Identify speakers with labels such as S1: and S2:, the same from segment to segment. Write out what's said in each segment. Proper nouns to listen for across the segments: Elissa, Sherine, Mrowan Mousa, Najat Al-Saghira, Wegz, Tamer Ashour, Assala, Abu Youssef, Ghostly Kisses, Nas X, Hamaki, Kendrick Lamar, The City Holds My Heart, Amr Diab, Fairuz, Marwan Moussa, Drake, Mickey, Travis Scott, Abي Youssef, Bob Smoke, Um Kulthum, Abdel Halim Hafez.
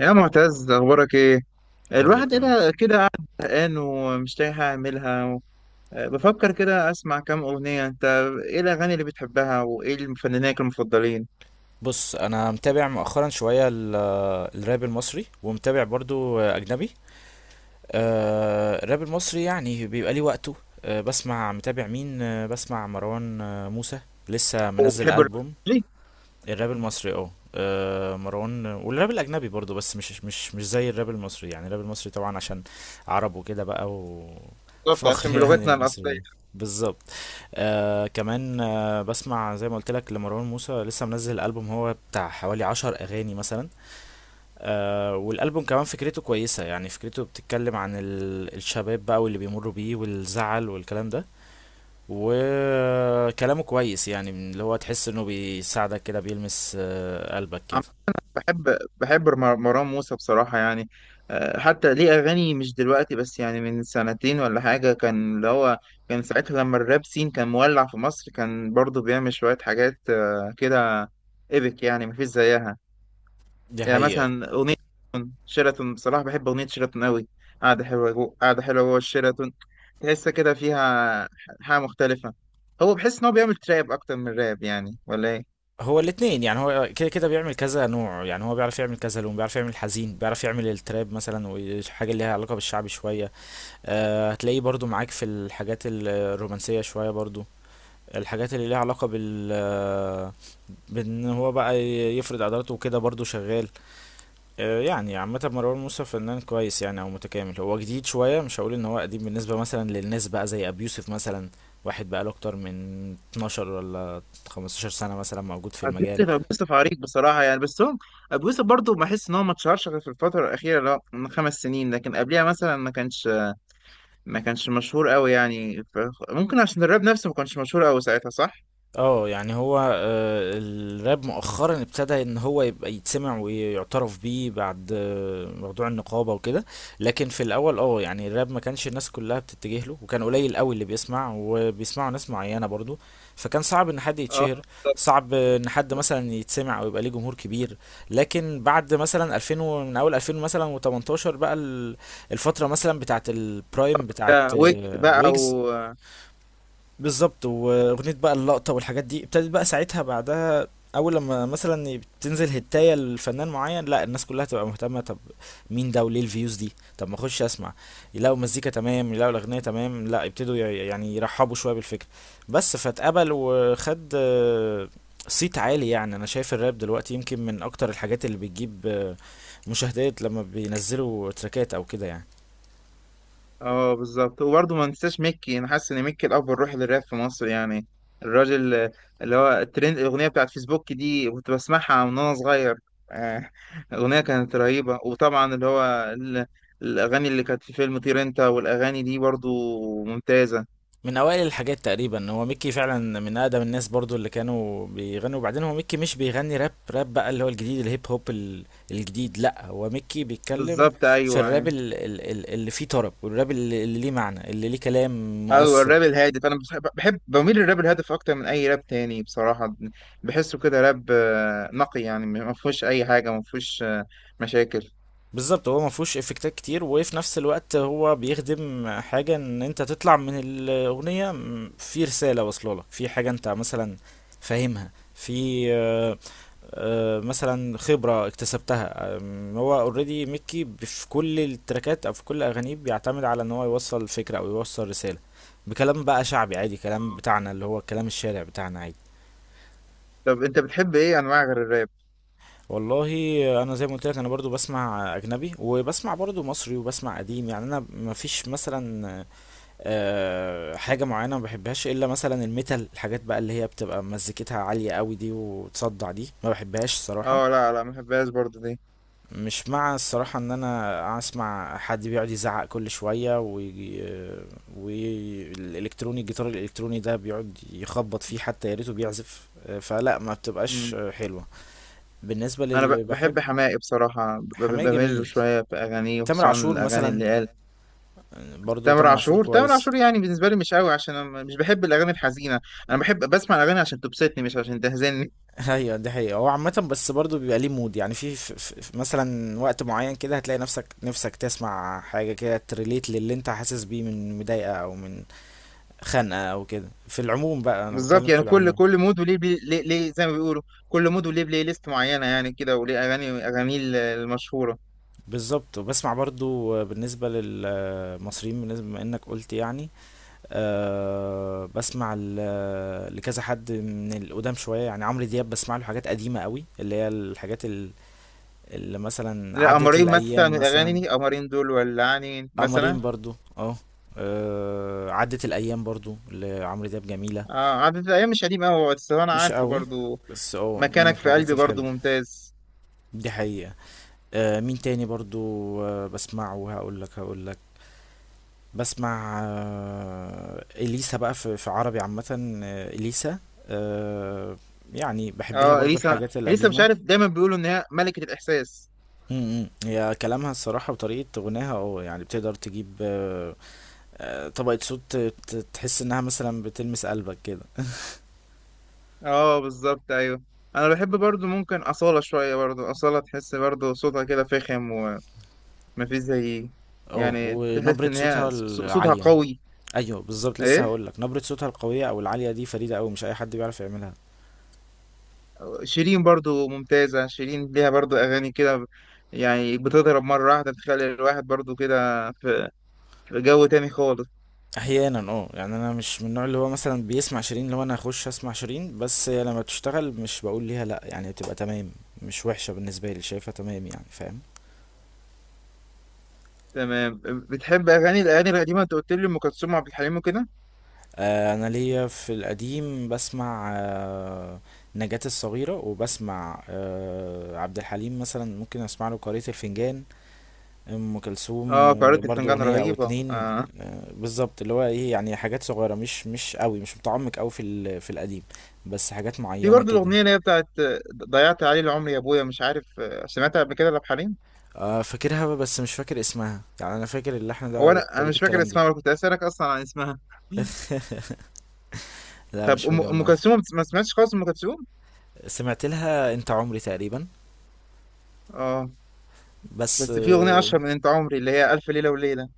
S1: يا معتز اخبارك ايه؟
S2: كله
S1: الواحد
S2: تمام.
S1: كده كده قاعد زهقان ومش لاقي حاجه اعملها بفكر كده اسمع كام اغنيه. انت ايه الاغاني اللي بتحبها وايه المفنانين المفضلين؟
S2: بص، انا متابع مؤخرا شويه الراب المصري، ومتابع برضو اجنبي. الراب المصري يعني بيبقى ليه وقته. بسمع مروان موسى، لسه منزل
S1: وبتحب الر-
S2: ألبوم.
S1: ليه؟
S2: الراب المصري مروان، والراب الاجنبي برضو، بس مش زي الراب المصري. يعني الراب المصري طبعا عشان عرب وكده بقى،
S1: بالظبط، عشان
S2: وفخر يعني
S1: بلغتنا الاصليه.
S2: المصريين. بالظبط. آه كمان، آه بسمع زي ما قلت لك لمروان موسى، لسه منزل البوم هو بتاع حوالي 10 اغاني مثلا. آه، والالبوم كمان فكرته كويسه، يعني فكرته بتتكلم عن الشباب بقى واللي بيمروا بيه والزعل والكلام ده، وكلامه كويس، يعني من اللي هو تحس انه بيساعدك كده، بيلمس قلبك كده.
S1: عم، بحب مروان موسى بصراحه يعني. حتى ليه اغاني مش دلوقتي بس، يعني من سنتين ولا حاجه، كان اللي هو كان ساعتها لما الراب سين كان مولع في مصر، كان برضه بيعمل شويه حاجات كده. ايبك يعني مفيش زيها.
S2: دي
S1: يعني
S2: حقيقة.
S1: مثلا أغنية شيراتون، بصراحة بحب أغنية شيراتون أوي. قاعدة حلوة جوه الشيراتون، تحس كده فيها حاجة مختلفة. هو بحس إن هو بيعمل تراب أكتر من راب يعني ولا إيه؟
S2: هو الاتنين، يعني هو كده كده بيعمل كذا نوع، يعني هو بيعرف يعمل كذا لون، بيعرف يعمل حزين، بيعرف يعمل التراب مثلا، وحاجة اللي ليها علاقة بالشعبي شوية. أه هتلاقيه برضو معاك في الحاجات الرومانسية شوية برضو، الحاجات اللي ليها علاقة بال آه، بان هو بقى يفرض عضلاته وكده برضو شغال. يعني عامة مروان موسى فنان كويس يعني او متكامل، هو جديد شوية، مش هقول ان هو قديم بالنسبة مثلا للناس بقى زي ابي يوسف مثلا. واحد بقى له اكتر من 12 ولا 15 سنة مثلا موجود في
S1: أبو
S2: المجال.
S1: يوسف، أبو يوسف عريق بصراحة يعني. بس هو أبو يوسف برضه بحس إن هو ما اتشهرش غير في الفترة الأخيرة، اللي هو من خمس سنين، لكن قبليها مثلا ما كانش، ما كانش مشهور أوي يعني ممكن عشان الراب نفسه ما كانش مشهور أوي ساعتها، صح؟
S2: اه يعني هو الراب مؤخرا ابتدى ان هو يبقى يتسمع ويعترف بيه، بعد موضوع النقابة وكده. لكن في الاول اه، يعني الراب ما كانش الناس كلها بتتجه له، وكان قليل قوي اللي بيسمع، وبيسمعوا ناس معينة برضو، فكان صعب ان حد
S1: اه،
S2: يتشهر،
S1: بالظبط.
S2: صعب ان حد مثلا يتسمع او يبقى ليه جمهور كبير. لكن بعد مثلا 2000 و- من اول 2000 مثلا و18 بقى الفترة مثلا بتاعت البرايم بتاعت
S1: ويجز بقى.
S2: ويجز. بالظبط، واغنيه بقى اللقطه والحاجات دي ابتدت بقى ساعتها بعدها. اول لما مثلا بتنزل هتايه لفنان معين، لا الناس كلها تبقى مهتمه، طب مين ده وليه الفيوز دي، طب ما اخش اسمع، يلاقوا مزيكا تمام، يلاقوا الاغنيه تمام، لا يبتدوا يعني يرحبوا شويه بالفكره. بس فاتقبل وخد صيت عالي. يعني انا شايف الراب دلوقتي يمكن من اكتر الحاجات اللي بتجيب مشاهدات لما بينزلوا تراكات او كده يعني.
S1: اه بالظبط، وبرضه ما ننساش ميكي، انا حاسس ان ميكي الاب الروحي للراب في مصر يعني. الراجل اللي هو الترند، الاغنيه بتاعت فيسبوك دي كنت بسمعها من وانا صغير. آه، الاغنيه كانت رهيبه، وطبعا اللي هو ال- الاغاني اللي كانت في فيلم طير انت والاغاني دي برضه ممتازه.
S2: من اوائل الحاجات تقريبا هو ميكي، فعلا من اقدم الناس برضو اللي كانوا بيغنوا. وبعدين هو ميكي مش بيغني راب، راب بقى اللي هو الجديد، الهيب هوب الجديد، لا هو ميكي بيتكلم
S1: بالظبط،
S2: في
S1: ايوه.
S2: الراب اللي فيه طرب، والراب اللي ليه معنى، اللي ليه كلام
S1: ايوه،
S2: مؤثر.
S1: الراب الهادف. انا بحب بميل للراب الهادف اكتر من اي راب تاني بصراحه. بحسه كده راب نقي يعني، ما فيهوش اي حاجه، ما فيهوش مشاكل.
S2: بالظبط، هو ما فيهوش افكتات كتير، وفي نفس الوقت هو بيخدم حاجة، ان انت تطلع من الاغنية في رسالة واصله لك، في حاجة انت مثلا فاهمها في مثلا خبرة اكتسبتها. هو اوريدي ميكي في كل التراكات او في كل اغانيه بيعتمد على ان هو يوصل فكرة او يوصل رسالة، بكلام بقى شعبي عادي، كلام بتاعنا، اللي هو كلام الشارع بتاعنا عادي.
S1: طب انت بتحب ايه انواع غير الراب؟
S2: والله، انا زي ما قلت لك انا برضو بسمع اجنبي، وبسمع برضو مصري، وبسمع قديم. يعني انا مفيش مثلا حاجة معينة ما بحبهاش الا مثلا الميتال، الحاجات بقى اللي هي بتبقى مزيكتها عالية قوي دي وتصدع، دي ما بحبهاش الصراحة.
S1: اه لا لا، ما بحبهاش برضه دي.
S2: مش مع الصراحة ان انا اسمع حد بيقعد يزعق كل شوية ويجي، والالكتروني، الجيتار الالكتروني ده بيقعد يخبط فيه، حتى يا ريته بيعزف، فلا ما بتبقاش
S1: امم،
S2: حلوة. بالنسبة
S1: انا
S2: للي بحب،
S1: بحب حماقي بصراحه،
S2: حماية
S1: بميل له
S2: جميل،
S1: شويه في اغانيه،
S2: تامر
S1: وخصوصا
S2: عاشور
S1: الاغاني
S2: مثلا،
S1: اللي قال.
S2: برضو
S1: تامر
S2: تامر عاشور
S1: عاشور، تامر
S2: كويس.
S1: عاشور يعني بالنسبه لي مش قوي، عشان انا مش بحب الاغاني الحزينه. انا بحب بسمع الاغاني عشان تبسطني، مش عشان تهزني.
S2: ايوه دي حقيقة، هو عامة بس برضو بيبقى ليه مود، يعني في مثلا وقت معين كده هتلاقي نفسك تسمع حاجة كده تريليت للي انت حاسس بيه من مضايقة او من خنقة او كده، في العموم بقى، انا
S1: بالظبط،
S2: بتكلم في
S1: يعني كل
S2: العموم.
S1: كل مود وليه بلي ليه ليه، زي ما بيقولوا كل مود وليه بلاي ليست معينه، يعني كده. وليه اغاني، المشهوره.
S2: بالظبط، وبسمع برضو بالنسبة للمصريين، بالنسبة ما انك قلت يعني، أه بسمع لكذا حد من القدام شوية، يعني عمرو دياب بسمع له حاجات قديمة قوي، اللي هي الحاجات اللي مثلا
S1: لا،
S2: عدت
S1: قمرين مثلا من
S2: الأيام
S1: الاغاني
S2: مثلا.
S1: دي، قمرين دول ولعانين مثلا.
S2: قمرين برضو اه، عدت الأيام برضو لعمرو دياب جميلة.
S1: اه، عدد الايام مش قديم قوي، بس انا
S2: مش
S1: عارفه
S2: قوي،
S1: برضه.
S2: بس اه من
S1: مكانك في
S2: الحاجات
S1: قلبي برضو
S2: الحلوة.
S1: ممتاز.
S2: دي حقيقة. آه مين تاني برضو، آه بسمعه هقول لك، هقول لك. بسمع آه اليسا بقى، في عربي عامة آه اليسا. آه يعني بحب لها
S1: اه،
S2: برضو
S1: اليسا.
S2: الحاجات
S1: اليسا مش
S2: القديمة.
S1: عارف، دايما بيقولوا ان هي ملكة الاحساس.
S2: م- م. هي كلامها الصراحة وطريقة غناها اه، يعني بتقدر تجيب طبقة صوت تحس انها مثلا بتلمس قلبك كده.
S1: اه بالظبط، ايوه. انا بحب برضو ممكن أصالة شوية، برضو أصالة تحس برضو صوتها كده فخم ومفيش زي.
S2: اه
S1: يعني تحس
S2: ونبرة
S1: ان هي
S2: صوتها
S1: صوتها
S2: العالية.
S1: قوي.
S2: ايوه بالظبط، لسه
S1: ايه،
S2: هقول لك، نبرة صوتها القوية او العالية دي فريدة قوي، مش اي حد بيعرف يعملها.
S1: شيرين برضو ممتازة. شيرين ليها برضو اغاني كده، يعني بتضرب مرة واحدة، بتخلي الواحد برضو كده في في جو تاني خالص.
S2: احيانا اه، يعني انا مش من النوع اللي هو مثلا بيسمع شيرين، لو انا اخش اسمع شيرين بس هي لما تشتغل مش بقول ليها لا، يعني تبقى تمام، مش وحشة بالنسبة لي، شايفها تمام يعني، فاهم.
S1: تمام. بتحب اغاني، الاغاني القديمة انت قلت لي ام كلثوم وعبد الحليم وكده.
S2: آه انا ليا في القديم بسمع آه نجاة الصغيرة، وبسمع آه عبد الحليم مثلا، ممكن اسمع له قارئة الفنجان. ام كلثوم
S1: اه
S2: آه
S1: قارئة
S2: برضو
S1: الفنجان
S2: اغنية او
S1: رهيبة
S2: اتنين.
S1: آه.
S2: آه بالظبط، اللي هو ايه، يعني حاجات صغيرة، مش قوي، مش متعمق قوي في في القديم، بس حاجات
S1: في
S2: معينة
S1: برضه
S2: كده.
S1: الأغنية اللي هي بتاعت ضيعت عليه العمر يا أبويا، مش عارف سمعتها قبل كده لعبد الحليم؟
S2: آه فاكرها بس مش فاكر اسمها، يعني انا فاكر اللحن ده
S1: هو أنا
S2: وطريقة
S1: مش فاكر
S2: الكلام دي.
S1: اسمها، ولا كنت أسألك أصلا عن اسمها.
S2: لا
S1: طب
S2: مش
S1: أم
S2: مجمع.
S1: كلثوم، ما سمعتش خالص أم كلثوم؟
S2: سمعت لها انت عمري تقريبا،
S1: اه،
S2: بس
S1: بس في أغنية
S2: اه.
S1: أشهر من أنت عمري، اللي هي ألف ليلة وليلة.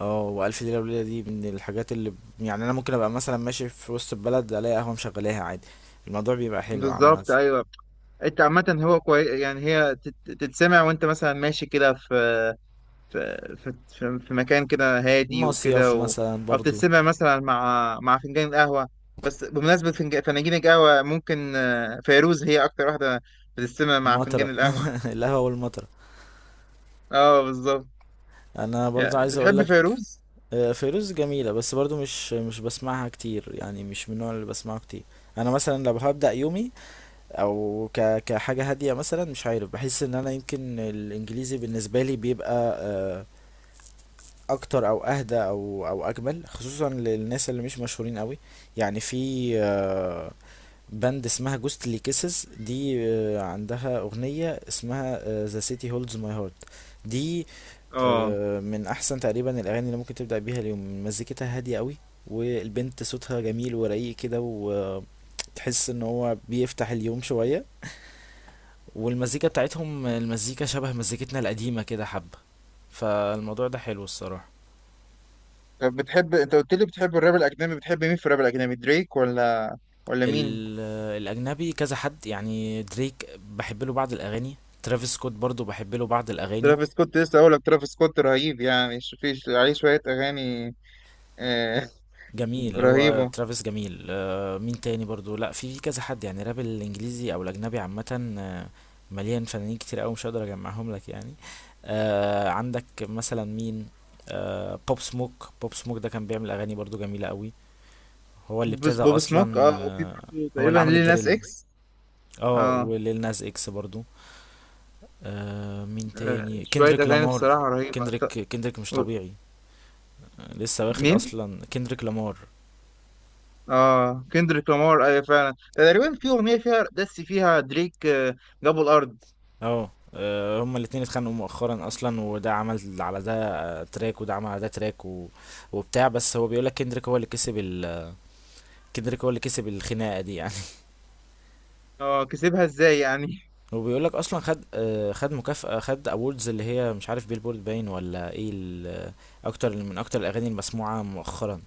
S2: والف ليلة وليلة دي من الحاجات اللي، يعني انا ممكن ابقى مثلا ماشي في وسط البلد الاقي قهوة مشغلاها عادي، الموضوع بيبقى حلو عامة.
S1: بالظبط أيوه. أنت عامة هو كويس يعني، هي تتسمع وأنت مثلا ماشي كده في مكان كده هادي
S2: مصيف
S1: وكده
S2: مثلا
S1: او
S2: برضو،
S1: تتسمع مثلا مع مع فنجان القهوه. بس بمناسبه فناجين القهوه، ممكن فيروز هي اكتر واحده بتتسمع مع فنجان
S2: مطرة.
S1: القهوه.
S2: القهوة والمطرة.
S1: اه بالظبط.
S2: يعني انا برضو
S1: يعني
S2: عايز اقول
S1: بتحب
S2: لك،
S1: فيروز.
S2: فيروز جميلة بس برضو مش مش بسمعها كتير، يعني مش من النوع اللي بسمعه كتير. انا مثلا لو هبدأ يومي او كحاجه هاديه مثلا، مش عارف، بحس ان انا يمكن الانجليزي بالنسبه لي بيبقى اكتر او اهدى او اجمل، خصوصا للناس اللي مش مشهورين قوي. يعني في باند اسمها جوستلي كيسز دي، عندها اغنيه اسمها ذا سيتي هولدز ماي هارت دي.
S1: اه.
S2: من احسن تقريبا الاغاني اللي ممكن تبدا بيها اليوم، مزيكتها هاديه قوي، والبنت صوتها جميل ورقيق كده، وتحس ان هو بيفتح اليوم شويه، والمزيكا بتاعتهم، المزيكا شبه مزيكتنا القديمة كده حبة، فالموضوع ده حلو الصراحة.
S1: طب بتحب، انت قلت لي بتحب الراب الاجنبي، بتحب مين في الراب الاجنبي؟ دريك ولا مين؟
S2: الأجنبي كذا حد يعني، دريك بحب له بعض الأغاني، ترافيس سكوت برضو بحب له بعض الأغاني.
S1: ترافيس سكوت، لسه اقول لك ترافيس سكوت رهيب يعني، في عليه شويه اغاني آه.
S2: جميل هو
S1: رهيبه.
S2: ترافيس جميل. مين تاني برضو، لا في كذا حد يعني، راب الإنجليزي أو الأجنبي عامة مليان فنانين كتير أوي، مش هقدر أجمعهم لك يعني. عندك مثلا مين، بوب سموك، بوب سموك ده كان بيعمل أغاني برضو جميلة أوي، هو اللي ابتدى
S1: بوب سموك،
S2: اصلا
S1: اه. وفي برضه
S2: هو اللي
S1: تقريبا
S2: عمل
S1: ليل ناس
S2: الدريل.
S1: اكس.
S2: اه
S1: اه،
S2: وليل ناس اكس برضو. آه مين تاني،
S1: شوية
S2: كندريك
S1: أغاني
S2: لامار.
S1: بصراحة رهيبة،
S2: كندريك مش
S1: و-
S2: طبيعي. لسه واخد
S1: مين؟
S2: اصلا كندريك لامار.
S1: اه كندريك لامار، أيوة فعلا. تقريبا في أغنية فيها دس فيها دريك، جابوا الأرض.
S2: اه هما الاتنين اتخانقوا مؤخرا اصلا، وده عمل على ده تراك، وده عمل على ده تراك و... وبتاع، بس هو بيقولك كندريك هو اللي كسب كندريك هو اللي كسب الخناقه دي يعني.
S1: اه، كسبها ازاي يعني؟
S2: وبيقولك اصلا خد خد مكافأة، خد اووردز اللي هي مش عارف بيلبورد باين ولا ايه اكتر من الاغاني المسموعه مؤخرا.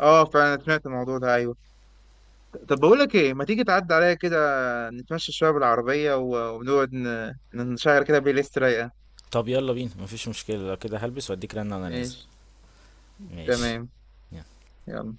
S1: اه فعلا سمعت الموضوع ده، أيوة. طب بقول لك ايه، ما تيجي تعدي عليا كده، نتمشى شوية بالعربية، ونقعد نشغل كده بلاي ليست رايقة.
S2: طب يلا بينا، مفيش مشكلة لو كده، هلبس واديك رنة وانا نازل.
S1: ماشي.
S2: ماشي.
S1: تمام. يلا.